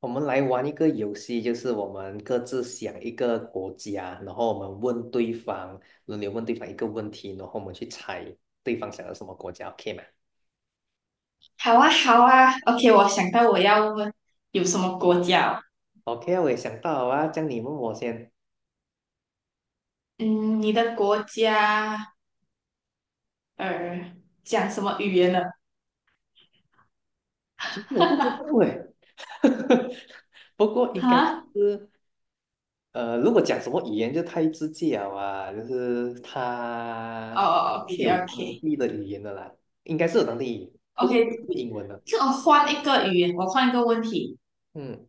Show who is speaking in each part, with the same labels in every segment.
Speaker 1: 我们来玩一个游戏，就是我们各自想一个国家，然后我们问对方，轮流问对方一个问题，然后我们去猜对方想要什么国家，OK 吗
Speaker 2: 好啊，好啊，OK，我想到我要问有什么国家哦。
Speaker 1: ？OK 啊，我也想到啊，这样你问我先。
Speaker 2: 嗯，你的国家呃讲什么语言呢？
Speaker 1: 其实我不知道 哎，不过应该
Speaker 2: 哈，
Speaker 1: 是如果讲什么语言就太直接了啊，就是它
Speaker 2: 哦
Speaker 1: 有当
Speaker 2: ，OK，OK，OK，
Speaker 1: 地的语言的啦，应该是有当地语言不过也是英文的。
Speaker 2: 就我换一个语言，我换一个问题。
Speaker 1: 嗯，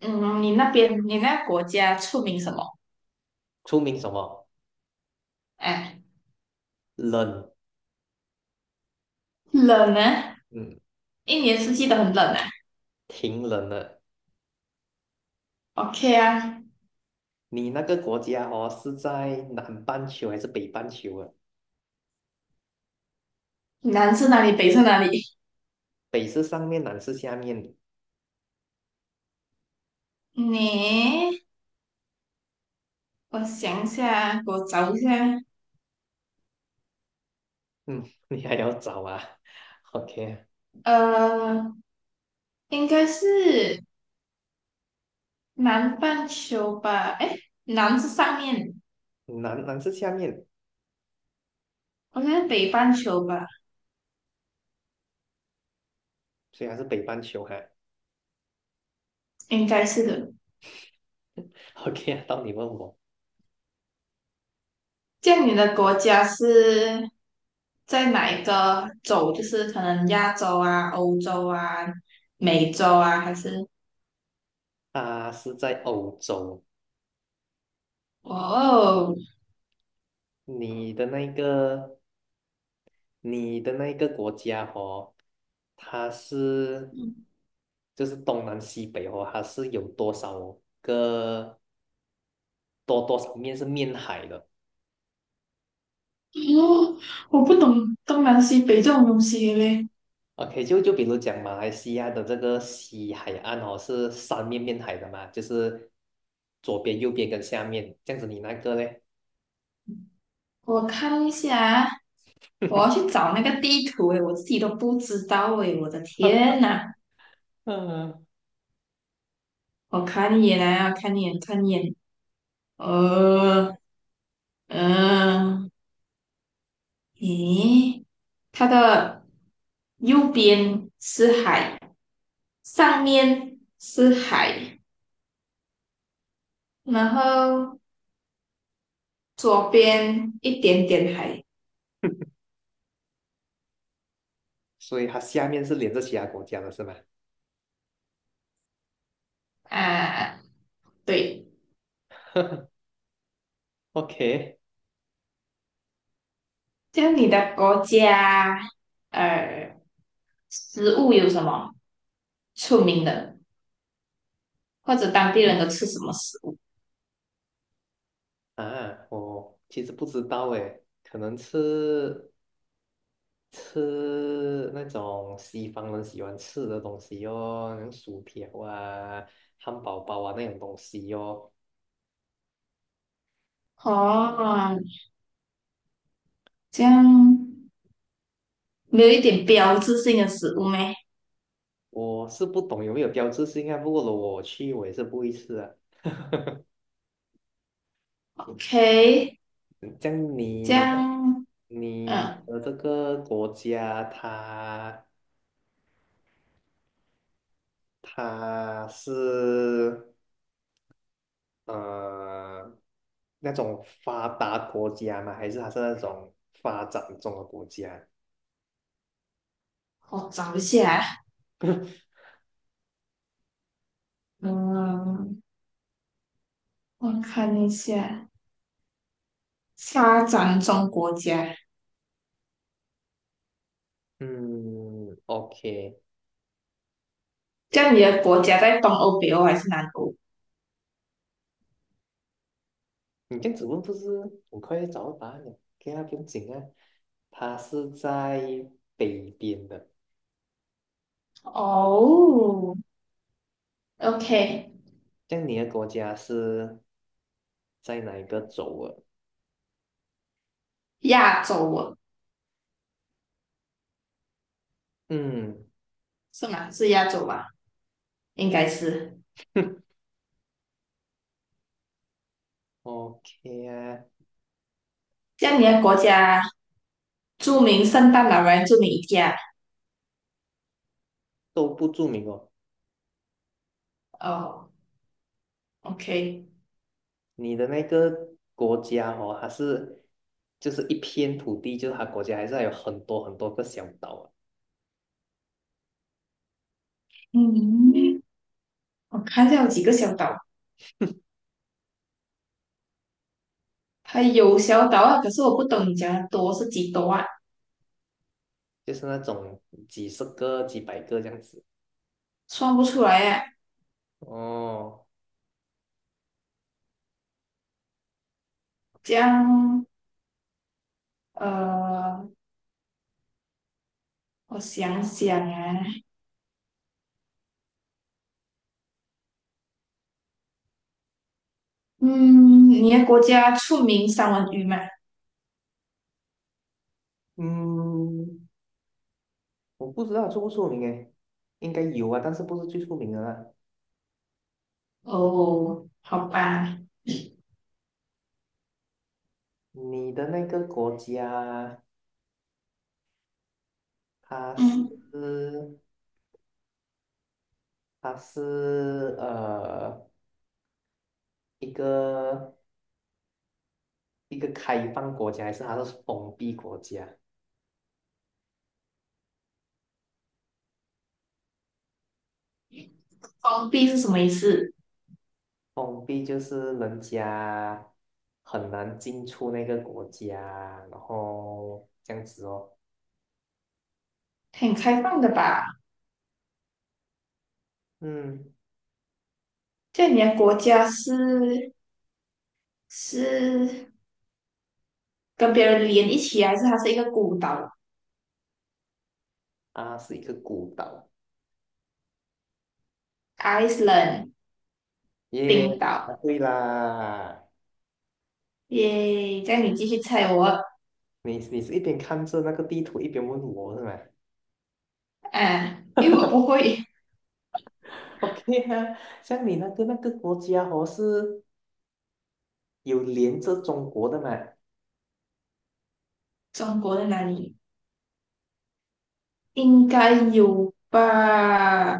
Speaker 2: 嗯，你那边你那国家出名什么？
Speaker 1: 出名什么
Speaker 2: 哎，
Speaker 1: 冷？
Speaker 2: 冷呢？
Speaker 1: 嗯，
Speaker 2: 一年四季都很冷啊。
Speaker 1: 挺冷的。
Speaker 2: OK 啊，
Speaker 1: 你那个国家哦，是在南半球还是北半球啊？
Speaker 2: 南是哪里，北是哪里？
Speaker 1: 北是上面，南是下面。
Speaker 2: 你，我想一下，给我找一下。
Speaker 1: 嗯，你还要找啊？OK，啊
Speaker 2: 呃，应该是。南半球吧？哎，南是上面，
Speaker 1: 南是下面，
Speaker 2: 我觉得北半球吧，
Speaker 1: 虽然是北半球哈、
Speaker 2: 应该是的。
Speaker 1: OK，啊到你问我，
Speaker 2: 这样你的国家是在哪一个洲？就是可能亚洲啊、欧洲啊、美洲啊，还是？
Speaker 1: 它是在欧洲。
Speaker 2: 哇哦，
Speaker 1: 你的那个，你的那个国家哦，它是就是东南西北哦，它是有多少个多少面是面海的？
Speaker 2: 哦，我不懂东南西北这种东西嘞。
Speaker 1: OK，就比如讲马来西亚的这个西海岸哦，是三面面海的嘛，就是左边、右边跟下面这样子。你那个嘞，
Speaker 2: 我看一下，我要去找那个地图诶，我自己都不知道诶，我的天呐！
Speaker 1: 嗯，
Speaker 2: 我看一眼啊，看一眼，看一眼，呃，嗯，咦，它的右边是海，上面是海，然后左边一点点海
Speaker 1: 所以它下面是连着其他国家的是吗
Speaker 2: 啊，对。
Speaker 1: ？OK，
Speaker 2: 像你的国家，呃，食物有什么出名的，或者当地人都吃什么食物？
Speaker 1: 啊，我其实不知道诶，可能吃那种西方人喜欢吃的东西哦，那种薯条啊、汉堡包啊那种东西哦。
Speaker 2: 哦，这样没有一点标志性的食物咩
Speaker 1: 我是不懂有没有标志性啊，不过如果我去，我也是不会吃啊。
Speaker 2: ？OK，
Speaker 1: 这样
Speaker 2: 这
Speaker 1: 你的
Speaker 2: 样，嗯。
Speaker 1: 这个国家它，它是呃那种发达国家吗？还是它是那种发展中的国家？
Speaker 2: 我找一下，嗯，我看一下，发展中国家，
Speaker 1: 嗯，OK，
Speaker 2: 这样你的国家在东欧、北欧还是南欧？
Speaker 1: 你这样子问不是很快就找到答案了？OK 啊，不用紧啊，它是在北边的。
Speaker 2: 哦，OK，
Speaker 1: 这样你的国家是在哪一个州啊？
Speaker 2: 亚洲哦，
Speaker 1: 嗯
Speaker 2: 是吗？是亚洲吧？应该是。
Speaker 1: ，OK 啊，
Speaker 2: 这样你的国家著名圣诞老人著名一家
Speaker 1: 都不著名哦。
Speaker 2: 哦，OK，
Speaker 1: 你的那个国家哦，它是就是一片土地，就是它国家还是还有很多很多个小岛啊，
Speaker 2: 嗯，我看一下有几个小岛，它有小岛啊，可是我不懂你讲的多是几多啊，
Speaker 1: 就是那种几十个、几百个这样子。
Speaker 2: 算不出来啊。
Speaker 1: 哦，
Speaker 2: 这样，呃，我想想啊，嗯，你的国家出名三文鱼吗？
Speaker 1: 嗯，我不知道出不出名诶，应该有啊，但是不是最出名的啦。
Speaker 2: 哦，好吧，
Speaker 1: 你的那个国家，它
Speaker 2: 嗯，
Speaker 1: 是？它是一个一个开放国家，还是它是封闭国家？
Speaker 2: 封闭是什么意思？
Speaker 1: 封闭就是人家很难进出那个国家，然后这样子哦。
Speaker 2: 很开放的吧？
Speaker 1: 嗯，
Speaker 2: 在你的国家是是跟别人连一起啊，还是它是一个孤岛
Speaker 1: 啊，是一个孤岛。
Speaker 2: ？Iceland，
Speaker 1: 耶，
Speaker 2: 冰
Speaker 1: 啊，
Speaker 2: 岛。
Speaker 1: 对啦！
Speaker 2: 耶，这样你继续猜我
Speaker 1: 你是一边看着那个地图，一边问我是吗
Speaker 2: 啊，因为我不会
Speaker 1: ？OK 啊，像你那个国家哦，是有连着中国的嘛？
Speaker 2: 中国在哪里，应该有吧？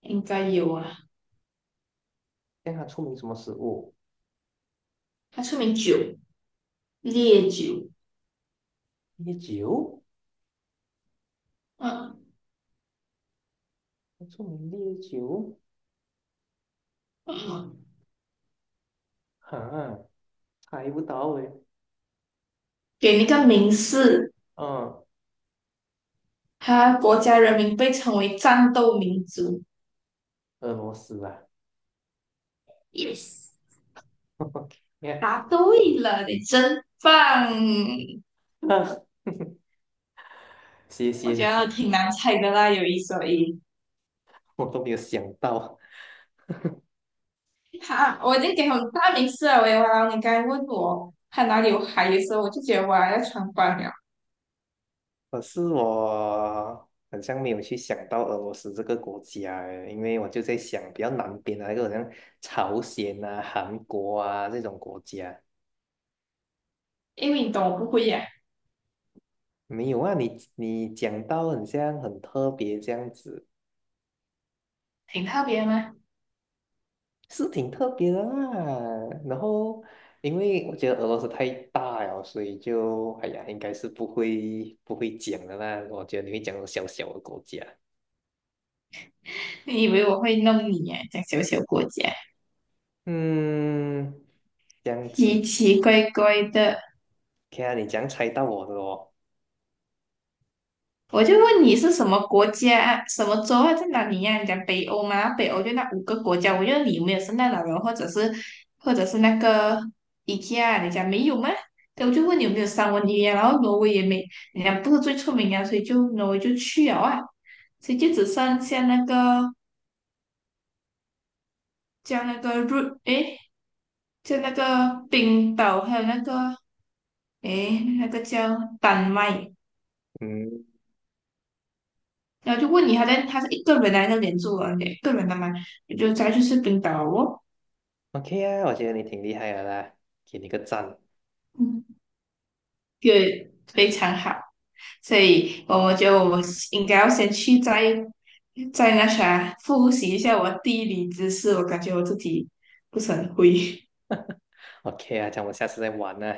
Speaker 2: 应该有啊，
Speaker 1: 像它出名什么食物？
Speaker 2: 它出名酒，烈酒。
Speaker 1: 烈酒。
Speaker 2: 嗯。
Speaker 1: 著名烈酒，
Speaker 2: 嗯
Speaker 1: 哈，猜不到嘞。
Speaker 2: 给那个名士，
Speaker 1: 嗯，
Speaker 2: 他国家人民被称为战斗民族。
Speaker 1: 俄罗斯啊，
Speaker 2: Yes，
Speaker 1: 你看，
Speaker 2: 答对了，你真棒！
Speaker 1: 啊 谢
Speaker 2: 我
Speaker 1: 谢
Speaker 2: 觉得
Speaker 1: 你，
Speaker 2: 挺难猜的啦，有一说一。
Speaker 1: 我都没有想到。
Speaker 2: 好，我已经给很大名次了，喂，哇，你刚才问我他哪里有海的时候我就觉得哇要穿帮了，
Speaker 1: 可是我好像没有去想到俄罗斯这个国家诶，因为我就在想比较南边的那个，好像朝鲜啊、韩国啊这种国家。
Speaker 2: 因为你懂我不会呀、
Speaker 1: 没有啊，你讲到很像很特别这样子。
Speaker 2: 挺特别吗？
Speaker 1: 是挺特别的啦。然后，因为我觉得俄罗斯太大了，所以就哎呀，应该是不会讲的啦。我觉得你会讲小小的国家。
Speaker 2: 你以为我会弄你呀、讲小小国家，
Speaker 1: 嗯，这样子
Speaker 2: 奇奇怪怪的。
Speaker 1: ，OK 啊，你这样猜到我的哦。
Speaker 2: 我就问你是什么国家啊、什么州啊，在哪里呀、你讲北欧吗？北欧就那5个国家，我就有没有圣诞老人，或者是或者是那个 IKEA 你讲没有吗？对，我就问你有没有三文鱼啊，然后挪威也没，人家不是最出名啊，所以就挪威就去了啊，所以就只剩下那个叫那个瑞，诶，叫那个冰岛，还有那个诶，那个叫丹麦，
Speaker 1: 嗯
Speaker 2: 然后就问你，他在他是一个人来那边住啊，一个人的嘛，我就再去吃冰岛哦，
Speaker 1: ，OK 啊，我觉得你挺厉害的啦，给你个赞。
Speaker 2: 嗯，就非常好，所以我觉得我应该要先去再再那啥复习一下我地理知识，我感觉我自己不是很会，
Speaker 1: OK 啊，这样我们下次再玩呢。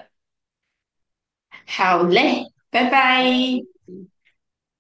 Speaker 2: 好嘞，拜拜。